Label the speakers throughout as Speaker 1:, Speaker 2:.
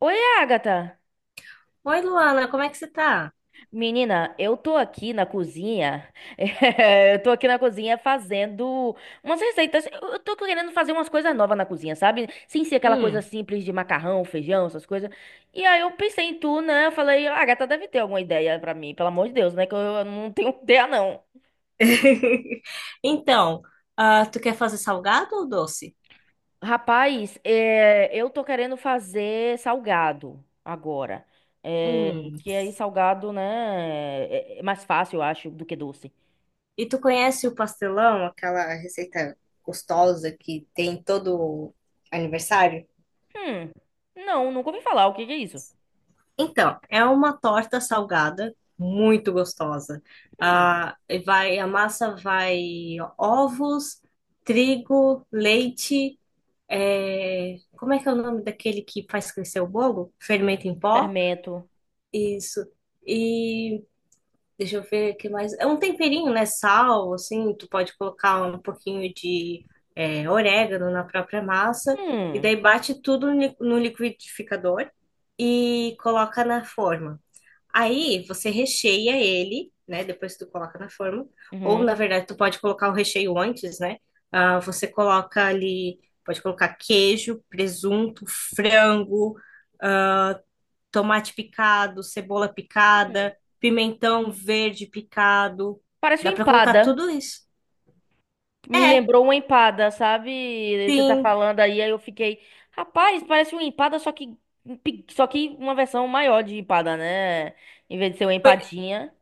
Speaker 1: Oi, Agatha!
Speaker 2: Oi, Luana, como é que você tá?
Speaker 1: Menina, eu tô aqui na cozinha. Eu tô aqui na cozinha fazendo umas receitas. Eu tô querendo fazer umas coisas novas na cozinha, sabe? Sem ser aquela coisa
Speaker 2: Hum.
Speaker 1: simples de macarrão, feijão, essas coisas. E aí eu pensei em tu, né? Eu falei, Agatha deve ter alguma ideia pra mim, pelo amor de Deus, né? Que eu não tenho ideia, não.
Speaker 2: Então, ah, tu quer fazer salgado ou doce?
Speaker 1: Rapaz, eu tô querendo fazer salgado agora. Eh,
Speaker 2: Hum.
Speaker 1: que aí salgado, né? É mais fácil, eu acho, do que doce.
Speaker 2: E tu conhece o pastelão, aquela receita gostosa que tem todo aniversário?
Speaker 1: Hum. Não, nunca ouvi falar. O que que é isso?
Speaker 2: Então, é uma torta salgada muito gostosa.
Speaker 1: Hum.
Speaker 2: Ah, e vai, a massa vai ovos, trigo, leite. Como é que é o nome daquele que faz crescer o bolo? Fermento em pó?
Speaker 1: Fermento.
Speaker 2: Isso. E deixa eu ver o que mais. É um temperinho, né? Sal, assim, tu pode colocar um pouquinho de orégano na própria massa, e
Speaker 1: Hum.
Speaker 2: daí bate tudo no liquidificador e coloca na forma. Aí você recheia ele, né? Depois que tu coloca na forma. Ou, na
Speaker 1: Uhum.
Speaker 2: verdade, tu pode colocar o recheio antes, né? Ah, você coloca ali, pode colocar queijo, presunto, frango, tomate picado, cebola picada, pimentão verde picado.
Speaker 1: Parece
Speaker 2: Dá
Speaker 1: uma
Speaker 2: pra colocar
Speaker 1: empada.
Speaker 2: tudo isso.
Speaker 1: Me
Speaker 2: É,
Speaker 1: lembrou uma empada, sabe? Você tá
Speaker 2: sim.
Speaker 1: falando aí, aí eu fiquei, rapaz, parece uma empada, só que uma versão maior de empada, né? Em vez de ser uma
Speaker 2: Foi-
Speaker 1: empadinha.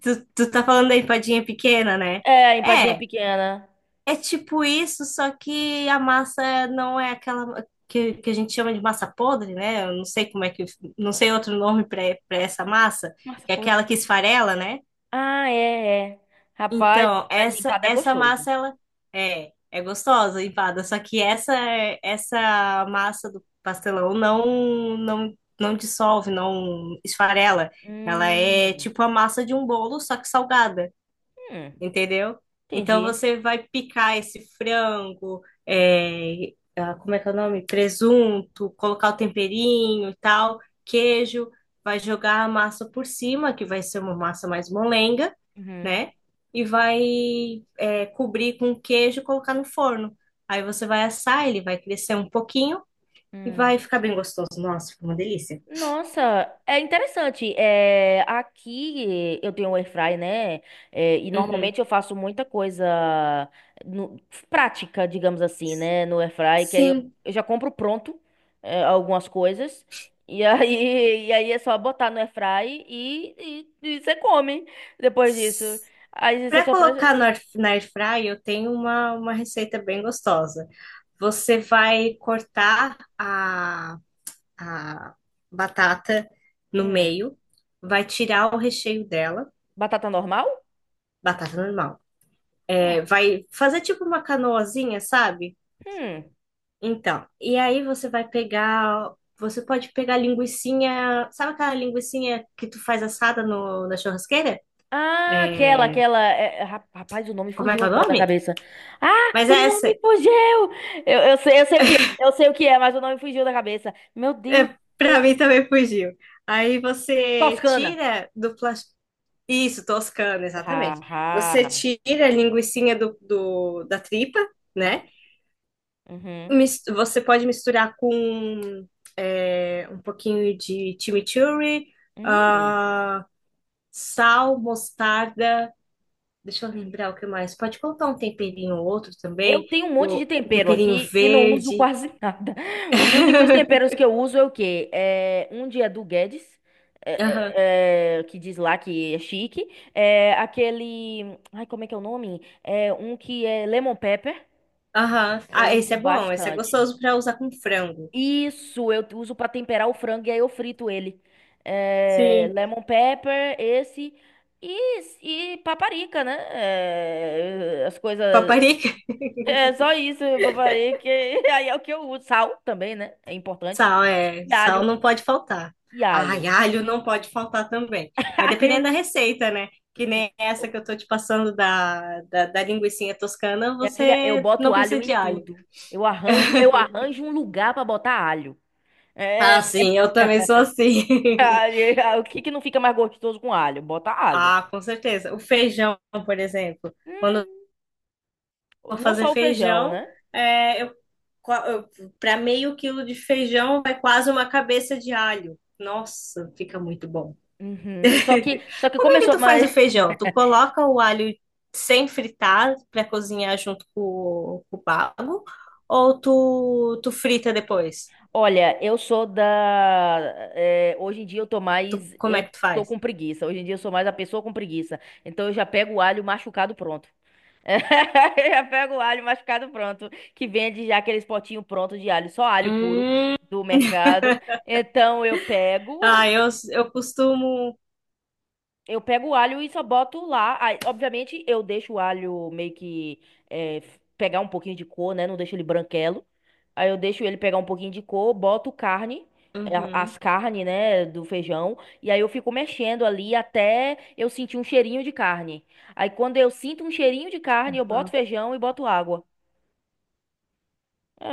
Speaker 2: tu tá falando da empadinha pequena, né?
Speaker 1: É, empadinha
Speaker 2: É,
Speaker 1: pequena.
Speaker 2: é tipo isso, só que a massa não é aquela que a gente chama de massa podre, né? Eu não sei como é que, não sei outro nome pra para essa massa,
Speaker 1: Massa
Speaker 2: que é
Speaker 1: podre.
Speaker 2: aquela que esfarela, né?
Speaker 1: Ah, é, é. Rapaz,
Speaker 2: Então,
Speaker 1: mas
Speaker 2: essa
Speaker 1: empada é
Speaker 2: essa
Speaker 1: gostoso.
Speaker 2: massa ela é gostosa, empada, só que essa massa do pastelão não não dissolve, não esfarela. Ela é
Speaker 1: Hum.
Speaker 2: tipo a massa de um bolo, só que salgada,
Speaker 1: Hum.
Speaker 2: entendeu? Então
Speaker 1: Entendi.
Speaker 2: você vai picar esse frango, como é que é o nome? Presunto, colocar o temperinho e tal, queijo, vai jogar a massa por cima, que vai ser uma massa mais molenga,
Speaker 1: Uhum.
Speaker 2: né? E vai, cobrir com queijo e colocar no forno. Aí você vai assar, ele vai crescer um pouquinho e
Speaker 1: Hum.
Speaker 2: vai ficar bem gostoso. Nossa, fica uma delícia.
Speaker 1: Nossa, é interessante. É, aqui eu tenho um air fry, né? É, e
Speaker 2: Uhum.
Speaker 1: normalmente eu faço muita coisa no- prática, digamos assim, né? No air fry,
Speaker 2: Sim.
Speaker 1: eu já compro pronto algumas coisas. E aí, e aí é só botar no air fry e você come depois disso. Aí você
Speaker 2: Para
Speaker 1: só.
Speaker 2: colocar
Speaker 1: Pre-
Speaker 2: no air fry, eu tenho uma receita bem gostosa. Você vai cortar a batata no
Speaker 1: Hum,
Speaker 2: meio, vai tirar o recheio dela,
Speaker 1: batata normal?
Speaker 2: batata normal. É,
Speaker 1: Hum.
Speaker 2: vai fazer tipo uma canoazinha, sabe?
Speaker 1: Hum.
Speaker 2: Então, e aí você vai pegar, você pode pegar linguiçinha, sabe aquela linguiçinha que tu faz assada no, na churrasqueira?
Speaker 1: Ah,
Speaker 2: É,
Speaker 1: aquela. Rapaz, o nome
Speaker 2: como é
Speaker 1: fugiu
Speaker 2: que é o
Speaker 1: agora da
Speaker 2: nome?
Speaker 1: cabeça. Ah,
Speaker 2: Mas
Speaker 1: o
Speaker 2: é essa,
Speaker 1: nome fugiu! Eu sei, eu sei o que é, mas o nome fugiu da cabeça. Meu
Speaker 2: é,
Speaker 1: Deus.
Speaker 2: para
Speaker 1: é-
Speaker 2: mim também fugiu. Aí você
Speaker 1: Toscana.
Speaker 2: tira do plástico. Isso, toscano,
Speaker 1: Ha,
Speaker 2: exatamente. Você
Speaker 1: ha.
Speaker 2: tira a linguicinha da tripa, né?
Speaker 1: Uhum.
Speaker 2: Você pode misturar com um pouquinho de chimichurri,
Speaker 1: Hum.
Speaker 2: ah, sal, mostarda. Deixa eu lembrar o que mais. Pode colocar um temperinho ou outro
Speaker 1: Eu
Speaker 2: também,
Speaker 1: tenho um monte de
Speaker 2: o um
Speaker 1: tempero
Speaker 2: temperinho
Speaker 1: aqui e não uso
Speaker 2: verde.
Speaker 1: quase nada. Os únicos temperos que eu uso é o quê? É, um dia é do Guedes,
Speaker 2: Aham,
Speaker 1: que diz lá que é chique. É, aquele. Ai, como é que é o nome? É um que é lemon pepper.
Speaker 2: aham.
Speaker 1: Eu
Speaker 2: Ah, esse
Speaker 1: uso
Speaker 2: é bom, esse é
Speaker 1: bastante.
Speaker 2: gostoso para usar com frango.
Speaker 1: Isso, eu uso para temperar o frango e aí eu frito ele. É,
Speaker 2: Sim,
Speaker 1: lemon pepper, esse e paparica, né? É, as coisas.
Speaker 2: paparica,
Speaker 1: É só isso, paparica. E aí é o que eu uso. Sal também, né? É importante.
Speaker 2: sal,
Speaker 1: E
Speaker 2: sal
Speaker 1: alho.
Speaker 2: não pode faltar.
Speaker 1: E
Speaker 2: Ai,
Speaker 1: alho.
Speaker 2: alho não pode faltar também. Mas dependendo da
Speaker 1: Alho.
Speaker 2: receita, né? Que nem essa que eu tô te passando da linguicinha toscana,
Speaker 1: Minha filha, eu
Speaker 2: você
Speaker 1: boto
Speaker 2: não precisa
Speaker 1: alho em
Speaker 2: de alho.
Speaker 1: tudo. Eu arranjo um lugar para botar alho.
Speaker 2: Ah,
Speaker 1: É,
Speaker 2: sim, eu também sou assim.
Speaker 1: o que que não fica mais gostoso com alho? Bota alho.
Speaker 2: Ah, com certeza. O feijão, por exemplo. Quando eu
Speaker 1: Hum,
Speaker 2: vou
Speaker 1: Não
Speaker 2: fazer
Speaker 1: só o feijão,
Speaker 2: feijão,
Speaker 1: né?
Speaker 2: é, eu, para meio quilo de feijão vai quase uma cabeça de alho. Nossa, fica muito bom.
Speaker 1: Uhum. Só que, só que
Speaker 2: Como é que
Speaker 1: começou
Speaker 2: tu faz
Speaker 1: mais.
Speaker 2: o feijão? Tu coloca o alho sem fritar para cozinhar junto com com o bago? Ou tu frita depois?
Speaker 1: Olha, eu sou da. Hoje em dia eu tô
Speaker 2: Tu,
Speaker 1: mais.
Speaker 2: como é
Speaker 1: Eu
Speaker 2: que tu
Speaker 1: tô
Speaker 2: faz?
Speaker 1: com preguiça. Hoje em dia eu sou mais a pessoa com preguiça. Então eu já pego o alho machucado pronto. Eu já pego o alho machucado pronto. Que vende já aqueles potinhos prontos de alho, só alho puro
Speaker 2: Hum,
Speaker 1: do mercado. Então eu pego.
Speaker 2: eu costumo.
Speaker 1: Eu pego o alho e só boto lá. Aí, obviamente, eu deixo o alho meio que pegar um pouquinho de cor, né? Não deixo ele branquelo. Aí eu deixo ele pegar um pouquinho de cor, boto carne,
Speaker 2: Uhum.
Speaker 1: as carnes, né, do feijão. E aí eu fico mexendo ali até eu sentir um cheirinho de carne. Aí quando eu sinto um cheirinho de carne, eu boto
Speaker 2: Uhum.
Speaker 1: feijão e boto água. É,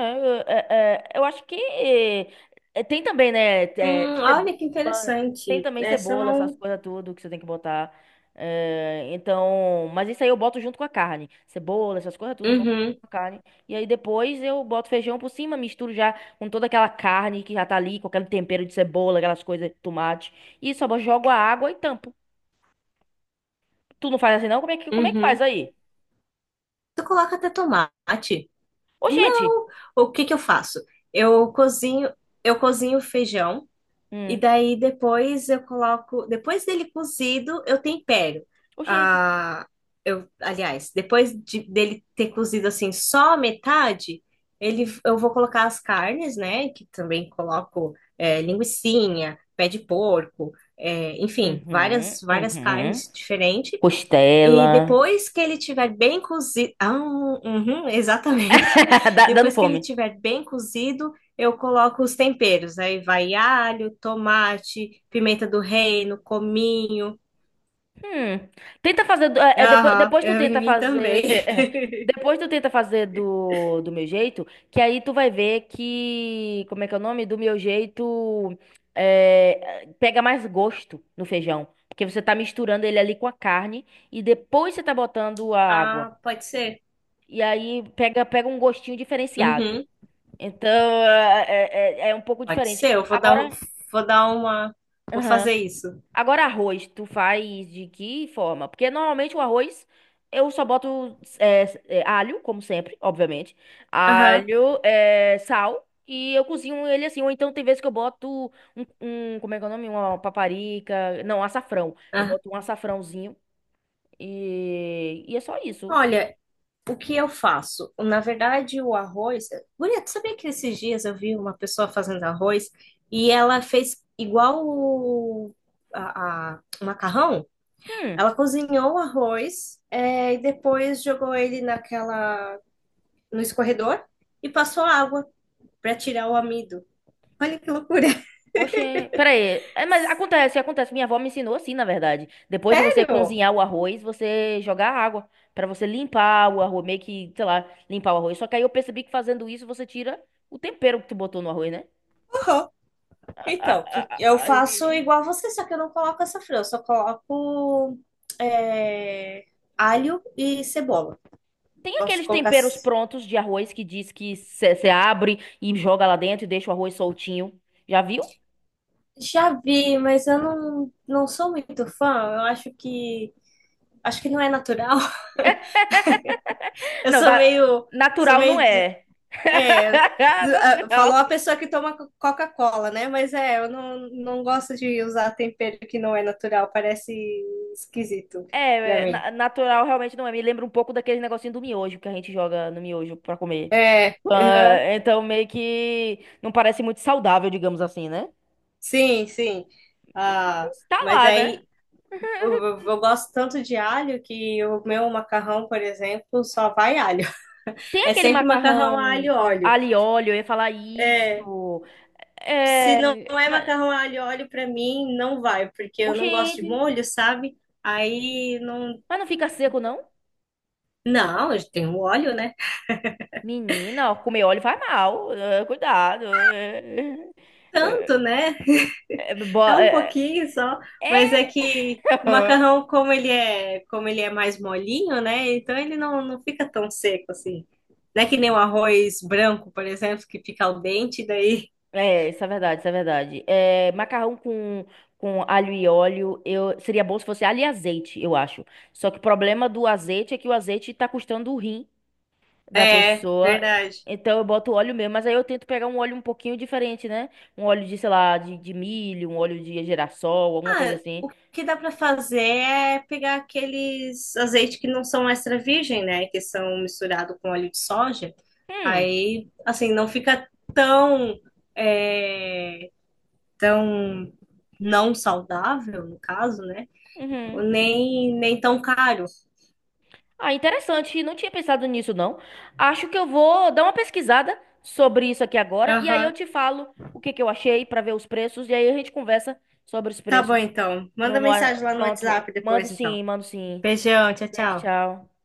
Speaker 1: é, é, Eu acho que tem também, né?
Speaker 2: Olha
Speaker 1: Cebola,
Speaker 2: que
Speaker 1: tem
Speaker 2: interessante.
Speaker 1: também
Speaker 2: Essa
Speaker 1: cebola, essas
Speaker 2: não.
Speaker 1: coisas tudo que você tem que botar. É, então, mas isso aí eu boto junto com a carne. Cebola, essas coisas tudo, eu boto
Speaker 2: Uhum,
Speaker 1: junto com a carne. E aí depois eu boto feijão por cima, misturo já com toda aquela carne que já tá ali, com aquele tempero de cebola, aquelas coisas, tomate. E só jogo a água e tampo. Tu não faz assim, não? Como é que faz
Speaker 2: uhum.
Speaker 1: aí?
Speaker 2: Tu coloca até tomate?
Speaker 1: Ô, gente!
Speaker 2: Não. O que que eu faço? Eu cozinho, eu cozinho o feijão. E
Speaker 1: Hum,
Speaker 2: daí depois eu coloco, depois dele cozido, eu tempero.
Speaker 1: ô, gente!
Speaker 2: Ah, aliás, dele ter cozido assim só a metade, eu vou colocar as carnes, né? Que também coloco linguicinha, pé de porco, é, enfim,
Speaker 1: Uhum,
Speaker 2: várias
Speaker 1: uhum.
Speaker 2: carnes diferentes. E
Speaker 1: Costela.
Speaker 2: depois que ele tiver bem cozido, ah, uhum, exatamente.
Speaker 1: Dando
Speaker 2: Depois que ele
Speaker 1: fome.
Speaker 2: tiver bem cozido, eu coloco os temperos. Aí vai alho, tomate, pimenta do reino, cominho.
Speaker 1: Hum. É, é,
Speaker 2: Aham,
Speaker 1: depois tu
Speaker 2: eu em
Speaker 1: tenta
Speaker 2: mim
Speaker 1: fazer.
Speaker 2: também.
Speaker 1: Depois tu tenta fazer do meu jeito, que aí tu vai ver que. Como é que é o nome? Do meu jeito. Pega mais gosto no feijão. Porque você tá misturando ele ali com a carne e depois você tá botando a água.
Speaker 2: Ah, pode ser.
Speaker 1: E aí pega um gostinho diferenciado.
Speaker 2: Uhum,
Speaker 1: Então é, é um pouco
Speaker 2: pode
Speaker 1: diferente.
Speaker 2: ser.
Speaker 1: Agora.
Speaker 2: Vou dar uma, vou
Speaker 1: Aham.
Speaker 2: fazer isso.
Speaker 1: Agora, arroz, tu faz de que forma? Porque normalmente o arroz eu só boto alho, como sempre, obviamente.
Speaker 2: Aham.
Speaker 1: Alho, é, sal. E eu cozinho ele assim. Ou então tem vezes que eu boto como é que é o nome? Uma paparica. Não, açafrão. Eu
Speaker 2: Ah.
Speaker 1: boto um açafrãozinho. E é só isso.
Speaker 2: Olha, o que eu faço? Na verdade, o arroz. Guria, tu sabia que esses dias eu vi uma pessoa fazendo arroz e ela fez igual o macarrão?
Speaker 1: Hum,
Speaker 2: Ela cozinhou o arroz e depois jogou ele naquela no escorredor e passou água para tirar o amido. Olha que loucura!
Speaker 1: oxê, peraí. É, mas acontece, acontece. Minha avó me ensinou assim, na verdade. Depois de você
Speaker 2: Sério?
Speaker 1: cozinhar o arroz, você jogar água pra você limpar o arroz, meio que, sei lá, limpar o arroz. Só que aí eu percebi que fazendo isso você tira o tempero que tu botou no arroz, né?
Speaker 2: Aham.
Speaker 1: A- a-
Speaker 2: Então,
Speaker 1: a- a-
Speaker 2: eu faço
Speaker 1: aí-
Speaker 2: igual a você, só que eu não coloco essa frango, eu só coloco é, alho e cebola.
Speaker 1: Tem
Speaker 2: Gosto de
Speaker 1: aqueles
Speaker 2: colocar.
Speaker 1: temperos prontos de arroz que diz que você abre e joga lá dentro e deixa o arroz soltinho. Já viu?
Speaker 2: Já vi, mas eu não, não sou muito fã. Eu acho que não é natural. Eu
Speaker 1: Não, da-
Speaker 2: sou
Speaker 1: natural não
Speaker 2: meio
Speaker 1: é.
Speaker 2: é, falou
Speaker 1: Natural.
Speaker 2: a pessoa que toma Coca-Cola, né? Mas é, eu não, não gosto de usar tempero que não é natural. Parece esquisito pra
Speaker 1: É, é,
Speaker 2: mim.
Speaker 1: natural realmente não é. Me lembra um pouco daquele negocinho do miojo que a gente joga no miojo pra comer.
Speaker 2: É, aham.
Speaker 1: Ah, então meio que não parece muito saudável, digamos assim, né?
Speaker 2: Sim, sim. Ah,
Speaker 1: Mas tá
Speaker 2: mas
Speaker 1: lá, né?
Speaker 2: daí eu gosto tanto de alho que o meu macarrão, por exemplo, só vai alho.
Speaker 1: Tem
Speaker 2: É
Speaker 1: aquele
Speaker 2: sempre macarrão a alho e
Speaker 1: macarrão
Speaker 2: óleo.
Speaker 1: alho e óleo, eu ia falar
Speaker 2: É,
Speaker 1: isso.
Speaker 2: se não
Speaker 1: É,
Speaker 2: é
Speaker 1: mas,
Speaker 2: macarrão a alho e óleo, para mim não vai, porque eu não gosto de
Speaker 1: gente,
Speaker 2: molho, sabe? Aí não.
Speaker 1: mas não fica seco, não?
Speaker 2: Não, tem o óleo, né?
Speaker 1: Menina, ó, comer óleo faz mal. Cuidado.
Speaker 2: Tanto,
Speaker 1: Eh,
Speaker 2: né?
Speaker 1: eh, bo-
Speaker 2: É um
Speaker 1: eh,
Speaker 2: pouquinho só, mas é que o macarrão, como ele é mais molinho, né? Então ele não, não fica tão seco assim. Não é que nem o arroz branco, por exemplo, que fica al dente, daí.
Speaker 1: É, isso é verdade, isso é verdade. É, com alho e óleo, eu, seria bom se fosse alho e azeite, eu acho. Só que o problema do azeite é que o azeite tá custando o rim da
Speaker 2: É,
Speaker 1: pessoa.
Speaker 2: verdade.
Speaker 1: Então eu boto óleo mesmo, mas aí eu tento pegar um óleo um pouquinho diferente, né? Um óleo de, sei lá, de milho, um óleo de girassol, alguma coisa
Speaker 2: Ah,
Speaker 1: assim.
Speaker 2: o que dá para fazer é pegar aqueles azeites que não são extra virgem, né? Que são misturados com óleo de soja.
Speaker 1: Hum,
Speaker 2: Aí, assim, não fica tão, é, tão não saudável, no caso, né?
Speaker 1: uhum.
Speaker 2: Nem, nem tão caro.
Speaker 1: Ah, interessante. Não tinha pensado nisso, não. Acho que eu vou dar uma pesquisada sobre isso aqui agora e aí eu
Speaker 2: Aham.
Speaker 1: te falo o que que eu achei para ver os preços e aí a gente conversa sobre os
Speaker 2: Tá bom,
Speaker 1: preços.
Speaker 2: então.
Speaker 1: Não,
Speaker 2: Manda
Speaker 1: não,
Speaker 2: mensagem lá no
Speaker 1: pronto.
Speaker 2: WhatsApp
Speaker 1: Mando
Speaker 2: depois, então.
Speaker 1: sim, mando sim.
Speaker 2: Beijão, tchau,
Speaker 1: Beijo,
Speaker 2: tchau.
Speaker 1: tchau.